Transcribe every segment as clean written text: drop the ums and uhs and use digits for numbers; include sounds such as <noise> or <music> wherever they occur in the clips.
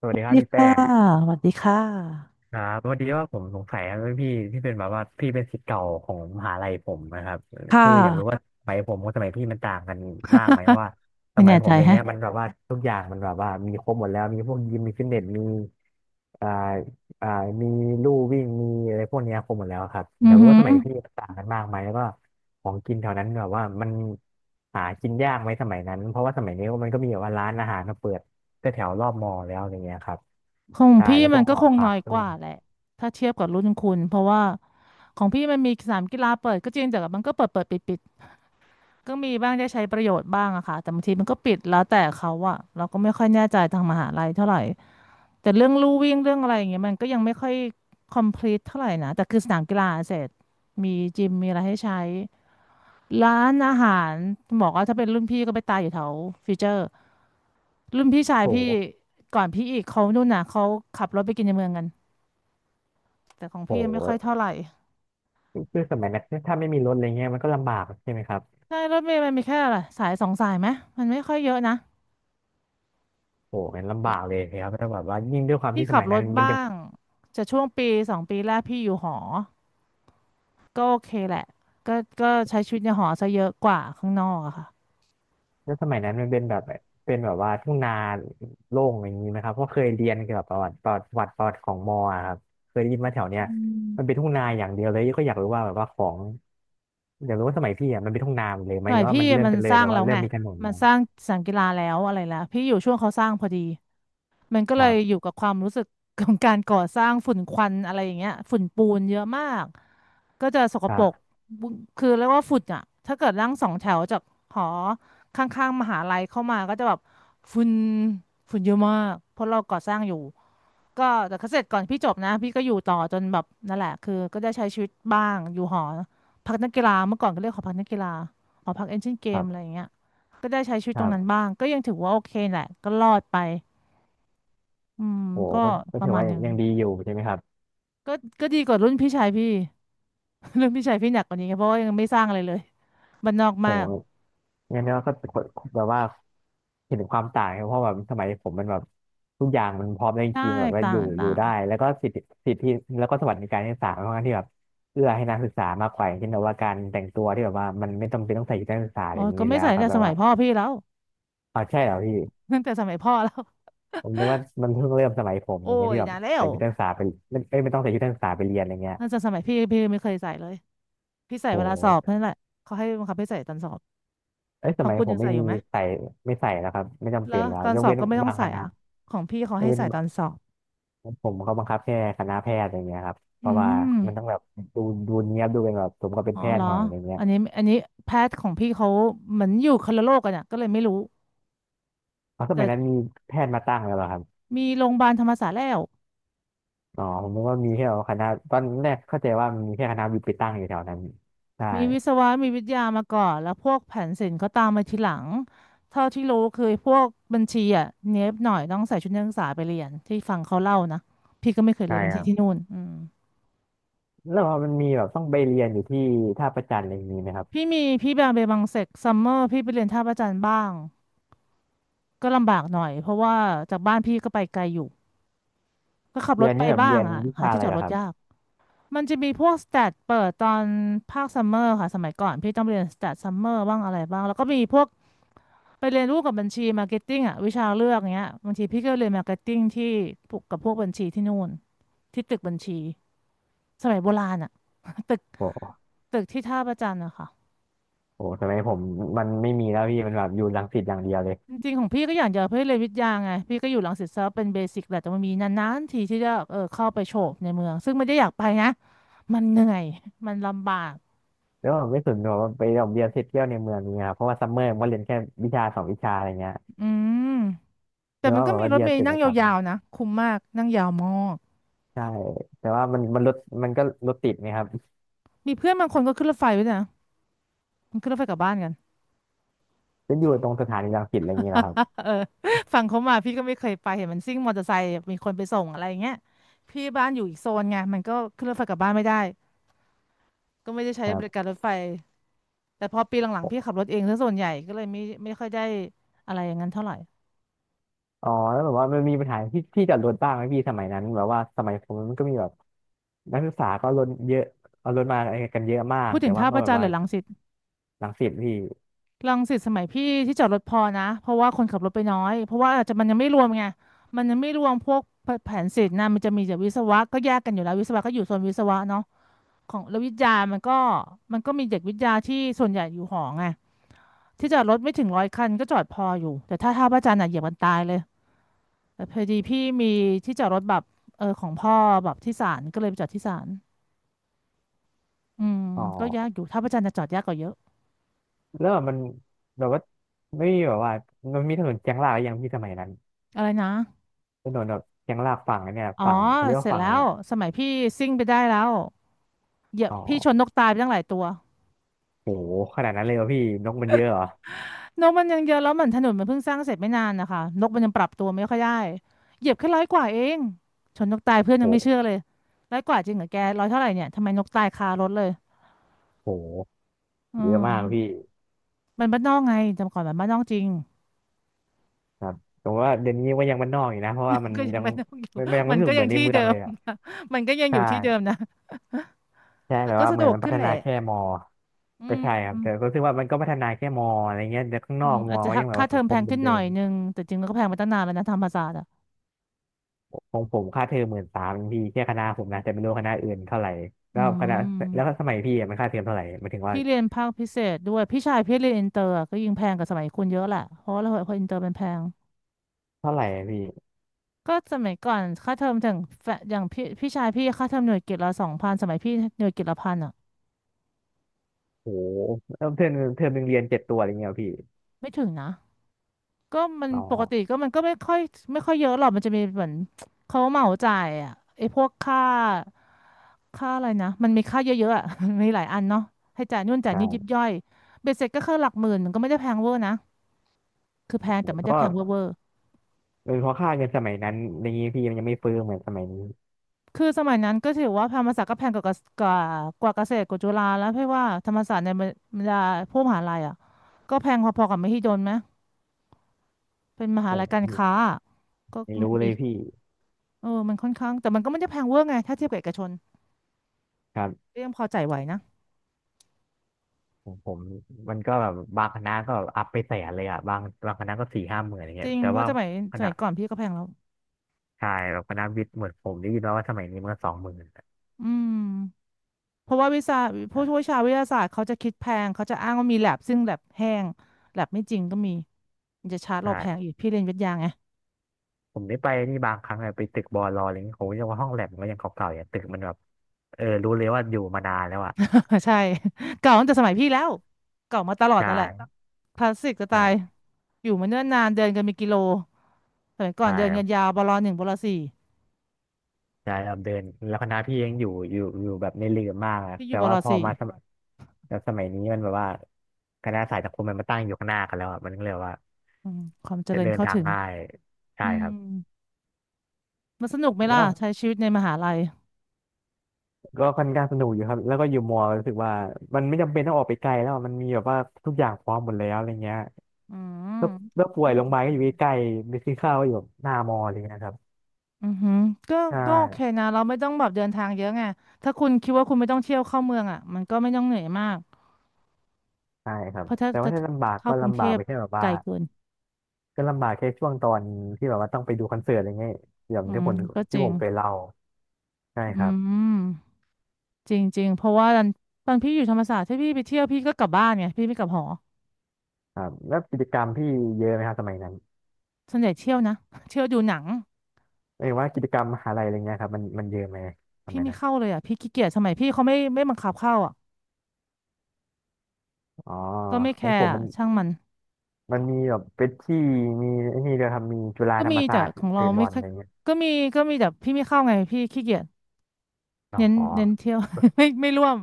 สสวัสวัดีสครับดีพี่ค่ะแป้ง สวัสดีค่ะครับพอดีว่าผมสงสัยครับพี่ที่เป็นแบบว่าพี่เป็นศิษย์เก่าของมหาลัยผมนะครับค่ะ คืออยากรู้ว่าสมัยผมกับสมัยพี่มันต่างกันมากไหมเพ <laughs> ราะว่าสไม่มัยแน่ผใจมอะไรแฮะเงี้ยมันแบบว่าทุกอย่างมันแบบว่ามีครบหมดแล้วมีพวกยิมมีฟิตเนสมีอ่าอ่ามีลู่วิ่งมีอะไรพวกเนี้ยครบหมดแล้วครับออืยาอกรู้หืว่าอสมัยพี่มันต่างกันมากไหมแล้วก็ของกินแถวนั้นแบบว่ามันหากินยากไหมสมัยนั้นเพราะว่าสมัยนี้มันก็มีแบบว่าร้านอาหารมาเปิดแถวๆรอบมอแล้วอะไรเงี้ยครับของใช่พี่แล้วพมัวนกก็หอคงผัน้อกยด้กวว่าย แหละถ้าเทียบกับรุ่นคุณเพราะว่าของพี่มันมีสนามกีฬาเปิดก็จริงแต่มันก็เปิดเปิดปิดปิดก็มีบ้างได้ใช้ประโยชน์บ้างอะค่ะแต่บางทีมันก็ปิดแล้วแต่เขาอะเราก็ไม่ค่อยแน่ใจทางมหาลัยเท่าไหร่แต่เรื่องลู่วิ่งเรื่องอะไรอย่างเงี้ยมันก็ยังไม่ค่อย complete เท่าไหร่นะแต่คือสนามกีฬาเสร็จมีจิมมีอะไรให้ใช้ ร้านอาหารบอกว่าถ้าเป็นรุ่นพี่ก็ไปตายอยู่แถวฟิวเจอร์รุ่นพี่ชายพี่โหก่อนพี่อีกเขานู่นน่ะเขาขับรถไปกินในเมืองกันแต่ของโหพี่ยังไม่ค่อยเท่าไหร่คือสมัยนั้นถ้าไม่มีรถอะไรเงี้ยมันก็ลำบากใช่ไหมครับใช่รถเมล์มันมีแค่อะไรสายสองสายไหมมันไม่ค่อยเยอะนะโหมันลำบากเลยครับถ้าแบบว่ายิ่งด้วยความพี่ที่สขับมัยรนั้ถนมันบ้ายังงจะช่วงปีสองปีแรกพี่อยู่หอก็โอเคแหละก็ก็ใช้ชีวิตในหอซะเยอะกว่าข้างนอกอะค่ะแล้วสมัยนั้นมันเป็นแบบเป็นแบบว่าทุ่งนาโล่งอย่างนี้ไหมครับเพราะเคยเรียนเกี่ยวกับประวัติของมออะครับเคยได้ยินมาแถวเนี้อืยมันเป็นมทุ่งนาอย่างเดียวเลยก็อยากรู้ว่าแบบว่าของอยากรู้ว่าสมัยพี่อ่ะมันเป็นทุ่งนาหมดเลยไหมสหมัรืยอว่าพี่มันเริ่มมันเป็นเลสยร้างแล้วแล้ว่าวเริ่ไงมมีถนนมัแล้นวสร้างสนามกีฬาแล้วอะไรแล้วพี่อยู่ช่วงเขาสร้างพอดี มันก็คเลรัยอยู่บกับความรู้สึกของการก่อสร้างฝุ่นควันอะไรอย่างเงี้ยฝุ่นปูนเยอะมากก็จะสกคปรัรกบบุคือเรียกว่าฝุ่นอ่ะถ้าเกิดนั่งสองแถวจากหอข้างๆมหาลัยเข้ามาก็จะแบบฝุ่นฝุ่นเยอะมากเพราะเราก่อสร้างอยู่ก็แต่ก็เสร็จก่อนพี่จบนะพี่ก็อยู่ต่อจนแบบนั่นแหละคือก็ได้ใช้ชีวิตบ้างอยู่หอพักนักกีฬาเมื่อก่อนก็เรียกหอพักนักกีฬาหอพักเอนจินเกคมรัอะไรอบย่างเงี้ยก็ได้ใช้ชีวิตคตรรังนั้นบบ้างก็ยังถือว่าโอเคแหละก็รอดไป อืมโหก็ก็ก็ประถือมาณว่าหนึ่งยังดีอยู่ใช่ไหมครับ ก็ก็ดีกว่ารุ่นพี่ชายพี่ <laughs> รุ่นพี่ชายพี่หนักกว่านี้ไงเพราะว่ายังไม่สร้างอะไรเลย <laughs> บ้านนอกมากโหงั้นเราก็แบบว่าเห็นถึงความต่างครับเพราะแบบสมัยผมมันแบบทุกอย่างมันพร้อมได้จใช่ริงๆแบบว่าต่าอยู่งอต่ายู่งได้แล้วก็สิทธิแล้วก็สวัสดิการที่ศาลค่อนข้างที่แบบเอื้อให้นักศึกษามากกว่าอย่างเช่นแบบว่าการแต่งตัวที่แบบว่ามันไม่จำเป็นต้องใส่ชุดนักศึกษาอะอ๋ไรออย่างก็นี้ไม่แล้วใส่ตั้คงรับแต่แบสบมัยว่าพ่อพี่แล้ว อ๋อใช่เหรอพี่ <laughs> ตั้งแต่สมัยพ่อแล้วผมนึกว่ามันเพิ่งเริ่มสมัยผมอโอ้ย่างเงี้ยยที่แบบนานแล้ใส่วชุดนักศึกษาไปไม่เอ้ยไม่ต้องใส่ชุดนักศึกษาไปเรียนอะไรเงี้ยตั้งแต่สมัยพี่ไม่เคยใส่เลยพี่ใส่โหเวลาสอบนั่นแหละเขาให้บังคับให้ใส่ตอนสอบเอ้ยขสองมัยคุณผยัมงไม่ใส่อมียู่ไหมใส่ไม่ใส่แล้วครับไม่จำแล้เป็นวแล้วตอนยกสอบเว้นก็ไม่ต้อบางงใส่คณะอ่ะของพี่เขายกให้เว้น ใส่ตอนสอบผมเขาบังคับแค่คณะแพทย์อะไรเงี้ยครับเพอืราะว่ามันต้องมแบบดูดูเนียบดูเป็นแบบสมกับเป็นอ๋อแพเหทรย์อหน่อยอะไรเงี้ยอันนี้อันนี้แพทย์ของพี่เขาเหมือนอยู่คนละโลกกันอ่ะก็เลยไม่รู้ เพราะสมัยนั้นมีแพทย์มาตั้งแล้วเหรอครับมีโรงพยาบาลธรรมศาสตร์แล้วอ๋อผมนึกว่ามีแค่คณะตอนแรกเข้าใจว่ามีแค่คณะวิทย์ไปตั้งอยู่แถวนั้นใช่มีวิศวะมีวิทยามาก่อนแล้วพวกแผนศิลป์เขาตามมาทีหลังเท่าที่รู้คือพวกบัญชีอ่ะเนี้ยบหน่อยต้องใส่ชุดนักศึกษาไปเรียนที่ฟังเขาเล่านะพี่ก็ไม่เคยเรีใช่ยนบัญคชีรับที่นู่นอืมแล้วพอมันมีแบบต้องไปเรียนอยู่ที่ท่าประจันอะไรอย่างนี้ไหมครับพี่มีพี่บางเบบังเซกซัมเมอร์พี่ไปเรียนท่าพระจันทร์บ้างก็ลำบากหน่อยเพราะว่าจากบ้านพี่ก็ไปไกลอยู่ก็ขับรเรีถยนไปนี่แบบบ้าเรีงยนอ่ะวิหาชาที่อะไรจอดเหรอรคถรับยากมันจะมีพวกสแตทเปิดตอนภาคซัมเมอร์ค่ะสมัยก่อนพี่ต้องเรียนสแตทซัมเมอร์บ้างอะไรบ้างแล้วก็มีพวก ไปเรียนรู้กับบัญชีมาร์เก็ตติ้งอ่ะวิชาเลือกเงี้ยบางทีพี่ก็เรียนมาร์เก็ตติ้งที่พวกกับพวกบัญชีที่นู่นที่ตึกบัญชีสมัยโบราณอ่ะตึกโอ้ตึกที่ท่าพระจันทร์อะค่ะโหสมัยผมมันไม่มีแล้วพี่มันแบบอยู่รังสิตอย่างเดียวเลยจริงๆของพี่ก็อยากจะเพื่อเรียนวิทยาไงพี่ก็อยู่รังสิตซะเป็นเบสิกแหละแต่มันมีนานๆทีที่จะเออเข้าไปโฉบในเมืองซึ่งไม่ได้อยากไปนะมันเหนื่อยมันลำบากแล้วผมไม่สนหรอกว่าไปโรงเรียนเสร็จเที่ยวในเมืองนี้ครับเพราะว่าซัมเมอร์ผมก็เรียนแค่วิชาสองวิชาอะไรเงี้ย อืมแต่เรียกมันว่าก็แบบมีว่ารถเรียนเมล์ศิลปนั่งกรรมยาวๆนะคุ้มมากนั่งยาวมากใช่แต่ว่ามันรถมันก็รถติดไงครับมีเพื่อนบางคนก็ขึ้นรถไฟด้วยนะมันขึ้นรถไฟกลับบ้านกัน จะอยู่ตรงสถานีรังสิตอะไรอย่างเงี้ยเหรอครับ <laughs> เออฝั่งเขามาพี่ก็ไม่เคยไปเห็นมันซิ่งมอเตอร์ไซค์มีคนไปส่งอะไรอย่างเงี้ยพี่บ้านอยู่อีกโซนไงมันก็ขึ้นรถไฟกลับบ้านไม่ได้ก็ไม่ได้ใช้ครับริบการรถไฟแต่พอปีหลังๆพี่ขับรถเองซะส่วนใหญ่ก็เลยไม่ค่อยได้อะไรอย่างนั้นเท่าไหร่อ๋อแล้วแบบว่ามันมีปัญหาที่จอดรถบ้างไหมพี่สมัยนั้นแบบว่าสมัยผมมันก็มีแบบนักศึกษาก็รถเยอะเอารถมากันเยอะมากพูดถึแต่งว่าท่าก็พระแบจับนทร์หว่ารือรังสิตรังสิตพี่รังสิตสมัยพี่ที่จอดรถพอนะเพราะว่าคนขับรถไปน้อยเพราะว่าอาจจะมันยังไม่รวมไงมันยังไม่รวมพวกแผนศิลป์นะมันจะมีแตกวิศวะก็แยกกันอยู่แล้ววิศวะก็อยู่โซนวิศวะเนาะของแล้ววิทยามันก็มีเด็กวิทยาที่ส่วนใหญ่อยู่หอไง ที่จอดรถไม่ถึงร้อยคันก็จอดพออยู่แต่ถ้าท่าพระจันทร์อ่ะเหยียบกันตายเลยแต่พอดีพี่มีที่จอดรถแบบของพ่อแบบที่ศาลก็เลยไปจอดที่ศาลอืมอ๋อก็ยากอยู่ท่าพระจันทร์จะจอดยากกว่าเยอะแล้วแบบมันแบบว่าไม่มีแบบว่ามันมีถนนเชียงรากหรือยังพี่สมัยนั้นอะไรนะถนนแบบเชียงรากฝั่งอันเนี่ยอ๋อฝั่งเขาเรียกเสว่าร็จฝั่งแล้อะไรวอะสมัยพี่ซิ่งไปได้แล้วเหยียบอ๋อพี่ชนนกตายไปตั้งหลายตัวโหขนาดนั้นเลยวะพี่นกมันเยอะเหรอนกมันยังเยอะแล้วเหมือนถนนมันเพิ่งสร้างเสร็จไม่นานนะคะนกมันยังปรับตัวไม่ค่อยได้เหยียบแค่ร้อยกว่าเองชนนกตายเพื่อนยังไม่โหเชื่อเลยร้อยกว่าจริงเหรอแกร้อยเท่าไหร่เนี่ยทำไมนกตายคารถเลยโห อืเยอะมากพี่ม มันบ้านนอกไงจำก่อนมันบ้านนอกจริง ครับผมว่าเดี๋ยวนี้ก็ยังบ้านนอกอยู่นะเพราะว่ามั <laughs> นก็ยังยังบ้านนอกอยู่ มันมันยัง <laughs> ไม่มันรู้สึก็กเหยัมืงอนในที่เมือเดิงเลมยอ่ะนะ <laughs> มันก็ยังอใช่ยู่ที่เดิมนะ <laughs> ใช่แต่แบบก็ว่าสะเหมืดอนวกมันพัขึ้นฒแหนาละแค่มออืก็มใช่ครับแต่ก็รู้สึกว่ามันก็พัฒนาแค่มออะไรเงี้ยแต่ข้างนอือมกมอาอจจะก็ยังแบบค่าว่าเทสัองมคแพมงขึ้นหเดิน่อยมนึงแต่จริงก็แพงมาตั้งนานแล้วนะธรรมศาสตร์อ่ะๆของผมค่าเทอมหมื่นสามพี่แค่คณะผมนะแต่ไม่รู้คณะอื่นเท่าไหร่อืแล้วคณะแล้วมสมัยพี่อะมันค่าเทอมเท่าไหร่หมายถึงว่าพี่เรียนภาคพิเศษด้วยพี่ชายพี่เรียนอินเตอร์อะก็ยิ่งแพงกว่าสมัยคุณเยอะแหละเพราะว่าเราพออินเตอร์มันแพงเท่าไหร่อะพี่ก็สมัยก่อนค่าเทอมถึงแฟอย่างพี่พี่ชายพี่ค่าเทอมหน่วยกิตละสองพันสมัยพี่หน่วยกิตละพันอ่ะโอ้โหเริ่มเทอมหนึ่งเรียนเจ็ดตัวอะไรเงี้ยเหรอพี่ไม่ถึงนะ ก็มันอ๋อปกติก็มันก็ไม่ค่อยเยอะหรอกมันจะมีเหมือนเขาเหมาจ่ายอ่ะไอ้พวกค่าอะไรนะมันมีค่าเยอะๆอ่ะ <laughs> มนมีหลายอันเนาะให้จ่ายนู่นจ่ายนี่ยิบใช่ย่อยเบ็ดเสร็จก็คือหลักหมื่นมันก็ไม่ได้แพงเวอร์นะคือแพงแต่ไม่เพได้ราะแพว่างเวอร์เวอร์เออเพราะค่าเงินสมัยนั้นอย่างนี้พี่มันยังไม่เฟ้อเหมือนสมัยนี้ คือสมัยนั้นก็ถือว่าธรรมศาสตร์ก็แพงกว่ากว่ากว่าเกษตรกว่าจุฬาแล้วเพราะว่าธรรมศาสตร์ในบรรดาพวกมหาลัยอ่ะก็แพงพอๆกับมหิดลไหมเป็นมหาผลัยมการค้าอะก็ไม่มัรู้นเลมียพี่มันค่อนข้างแต่มันก็ไม่ได้แพงเวอร์ไงถ้าเทียบกับเอกชน ครับก็ยังพอจ่ายไหวนะผมมันก็แบบบางคณะก็อัพไปแสนเลยอ่ะบางคณะก็สี่ห้าหมื่นอะไรจเงี้ริยงแต่เพราะว่าสมัยคณะก่อนพี่ก็แพงแล้วใช่แบบคณะวิทย์เหมือนผมได้ยินมาว่าสมัยนี้มันก็สองหมื่นอืมเพราะว่าวิชาผู้ช่วยอ่าชาวิทยาศาสตร์เขาจะคิดแพงเขาจะอ้างว่ามีแลบซึ่งแลบแห้งแลบไม่จริงก็มีมันจะชาร์จใช่เราแพงอีกพี่เรียนวิทยาไง ผมได้ไปนี่บางครั้งอะไปตึกบอลออะไรเงี้ยโหยังว่าห้องแลบมันก็ยังเก่าๆอย่างตึกมันแบบเออรู้เลยว่าอยู่มานานแล้วอ่ะ <laughs> ใช่เก่าตั้งแต่สมัยพี่แล้วเก่ามาตลอดใช่นั่นแหละคลาสสิกจะใช่ตายอยู่มาเนิ่นนานเดินกันเป็นกิโลสมัยก่อใช่ นเดินกันยาวบลหนึ่งบลสี่ใช่ครับเดินแล้วคณะพี่ยังอยู่แบบในเรือมากอะพี่อยู่แต่บลว่าพอสี่มาสมัครแล้วสมัยนี้มันแบบว่าคณะสายสังคมมันมาตั้งอยู่ข้างหน้ากันแล้วอะมันก็เลยว่าอืมความเจจะริญเดินเข้าทางถึงง่ายใช่อืคมรับมันสนุกไหมล่ะแล้วใช้ชีวิตในมหาลัยก็ค่อนข้างสนุกอยู่ครับแล้วก็อยู่มอรู้สึกว่ามันไม่จำเป็นต้องออกไปไกลแล้วอะมันมีแบบว่าทุกอย่างพร้อมหมดแล้วอะไรเงี้ยอืมแล้วแล้วป่ก็วยยัโรงงพโอยาบาลเค ก็อยู่ใกล้ๆไปซื้อข้าวก็อยู่แบบหน้ามออะไรเงี้ยครับอือหือก็ใช่โอเคนะเราไม่ต้องแบบเดินทางเยอะไงถ้าคุณคิดว่าคุณไม่ต้องเที่ยวเข้าเมืองอ่ะมันก็ไม่ต้องเหนื่อยมากใช่ครับเพราะถ้าแต่ว่าถ้าลำบากเข้าก็กรุงลำเทบากพไปแค่แบบไกว่า ลเกินก็ลำบากแค่ช่วงตอนที่แบบว่าต้องไปดูคอนเสิร์ตอะไรเงี้ยอย่างอืที่มผมก็จที่ริผงมเคยเล่าใช่คอืรับมจริงจริงเพราะว่าตอนพี่อยู่ธรรมศาสตร์ถ้าพี่ไปเที่ยวพี่ก็กลับบ้านไงพี่ไม่กลับหอครับแล้วกิจกรรมพี่เยอะไหมครับสมัยนั้นส่วนใหญ่เที่ยวนะ <laughs> เที่ยวดูหนังไม่ว่ากิจกรรมมหาลัยอะไรเงี้ยครับมันเยอะไหมสพี่มัยไม่นั้นเข้าเลยอ่ะพี่ขี้เกียจสมัยพี่เขาไม่บังคับเข้าอ่ะอ๋อก็ไม่ขแคองผร์มอะมันช่างมันมีแบบเป็ดที่มีไอ้นี่เดียวครับมีจุฬาก็ธรมีรมศาแต่สตร์ของเราเตะบไม่อลค่อะอยไรเงี้ยก็มีก็มีแต่พี่ไม่เข้าไงพี่ขี้เกียจเน้นอ๋อเที่ยว <laughs> ไม่ร่วม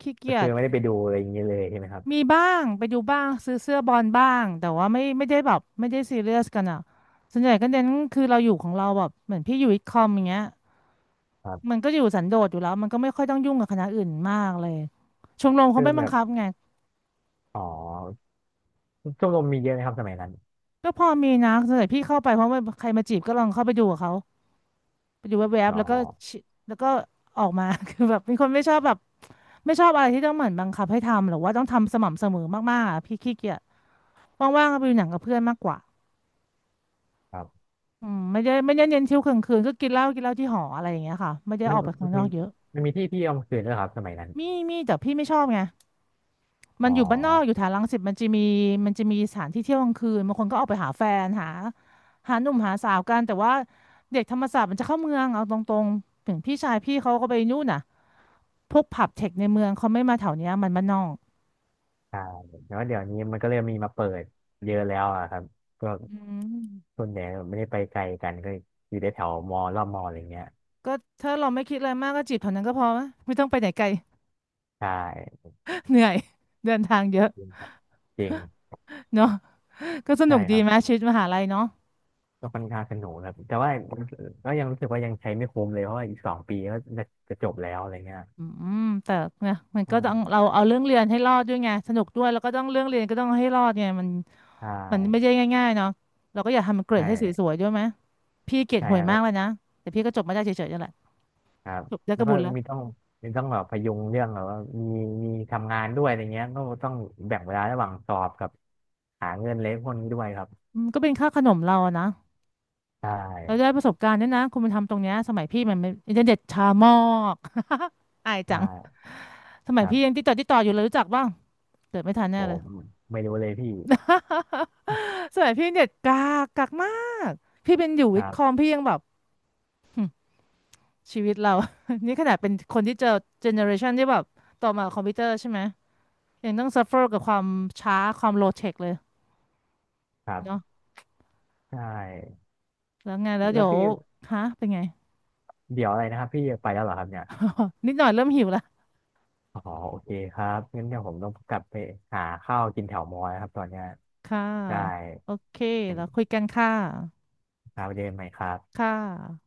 ขี้ก็เกียคือจไม่ได้ไปดูอะไรอย่างเงี้ยเลยใช่ไหมครับมีบ้างไปดูบ้างซื้อเสื้อบอลบ้างแต่ว่าไม่ได้แบบไม่ได้ซีเรียสกันอ่ะส่วนใหญ่ก็เน้นคือเราอยู่ของเราแบบเหมือนพี่อยู่วิทย์คอมอย่างเงี้ยครัมันบก็อยู่สันโดษอยู่แล้วมันก็ไม่ค่อยต้องยุ่งกับคณะอื่นมากเลยชมรมเขาคือไม่บัแบงบคับไงอ๋อชมรมมีเยอะไหมครับสมัยนั้นก็พอมีนะส่วนใหญ่พี่เข้าไปเพราะว่าใครมาจีบก็ลองเข้าไปดูกับเขาไปดูแวบอ๋ๆอแล้วก็ชิแล้วก็ออกมา <laughs> คือแบบเป็นคนไม่ชอบแบบไม่ชอบอะไรที่ต้องเหมือนบังคับให้ทำหรือว่าต้องทำสม่ำเสมอมากๆอะพี่ขี้เกียจว่างๆก็ไปดูหนังกับเพื่อนมากกว่า ครับอืมไม่ได้เน้นเที่ยวกลางคืนก็กินเหล้าที่หออะไรอย่างเงี้ยค่ะไม่ได้มัอนอกไปข้ามังนนอมีกเยอะมันมีที่เที่ยวกลางคืนด้วยครับสมัยนั้นมีมีแต่พี่ไม่ชอบไงมัอ๋นอ อยู่บ้านนอกอยู่แถวรังสิตมันจะมีสถานที่เที่ยวกลางคืนบางคนก็ออกไปหาแฟนหาหนุ่มหาสาวกันแต่ว่าเด็กธรรมศาสตร์มันจะเข้าเมืองเอาตรงๆถึงพี่ชายพี่เขาก็ไปนู่นน่ะพวกผับเทคในเมืองเขาไม่มาแถวเนี้ยมันบ้านนอกใช่แล้วเดี๋ยวนี้มันก็เริ่มมีมาเปิดเยอะแล้วอะครับก็กอืมส่วนใหญ่ไม่ได้ไปไกลกันก็อยู่ในแถวมอรอบมออะไรเงี้ยก็ถ้าเราไม่คิดอะไรมากก็จีบแถวนั้นก็พอไหมไม่ต้องไปไหนไกล ใช่ <laughs> เหนื่อยเดินทางเยอะจริงครับจริงเนาะก็สใช่นุกคดีรับไหมชีวิตมหาลัยเนาะ ก็ค่อนข้างสนุกครับแต่ว่าก็ยังรู้สึกว่ายังใช้ไม่คุ้มเลยเพราะว่าอีกสองปีก็จะจบแล้วอะไรเงี้ยอืมแต่เนี่ยมันก็ต้องอ่าเราเอาเรื่องเรียนให้รอดด้วยไงสนุกด้วยแล้วก็ต้องเรื่องเรียนก็ต้องให้รอดไงมันใชไม่่ใช่ง่ายๆเนาะเราก็อยากทำมันเกรใชดให้สว่ยๆด้วยไหมพี่เกรดใช่ห่วคยมารักบเลยนะแต่พี่ก็จบมาได้เฉยๆนั่นแหละครับจบได้แล้ก็วก็บุญแล้วมีต้องแบบพยุงเรื่องแบบว่ามีมีทำงานด้วยอะไรเงี้ยก็ต้องแบ่งเวลาระหว่างสอบกับหาเงินเลี้ยงคนนี้ด้วยครับอืมก็เป็นค่าขนมเราอะนะใชเราได้่ประสบการณ์ด้วยนะคุณไปทำตรงเนี้ยสมัยพี่มันไม่อินเทอร์เน็ตช้ามากอายจัใช่ งสมัคยรัพี่ยับงติดต่ออยู่เลยรู้จักบ้างเกิดไม่ทันผแน่เลยมไม่รู้เลยพี่สมัยพี่เน็ตกากมากพี่เป็นอยู่ควิทรัย์คอบมพี่ยังแบบ ชีวิตเรา <laughs> นี่ขนาดเป็นคนที่เจอเจเนอเรชันที่แบบต่อมาคอมพิวเตอร์ใช่ไหมยังต้องซัฟเฟอร์กับความช้าความโลเทคเลยครัเนาะบใช่แล้วไงแล้วแล้เดี๋วยวพี่ฮะเป็นไง เดี๋ยวอะไรนะครับพี่ไปแล้วเหรอครับเนี่ยนิดหน่อยเริ่มหิวละอ๋อโอเคครับงั้นเดี๋ยวผมต้องกลับไปหาข้าวกินแถวมอแล้วครับตอนเนี้ยค่ะได้โอเคเป็นแล้วคุยกันค่ะครับไปเจอกันใหม่ครัคบ่ะ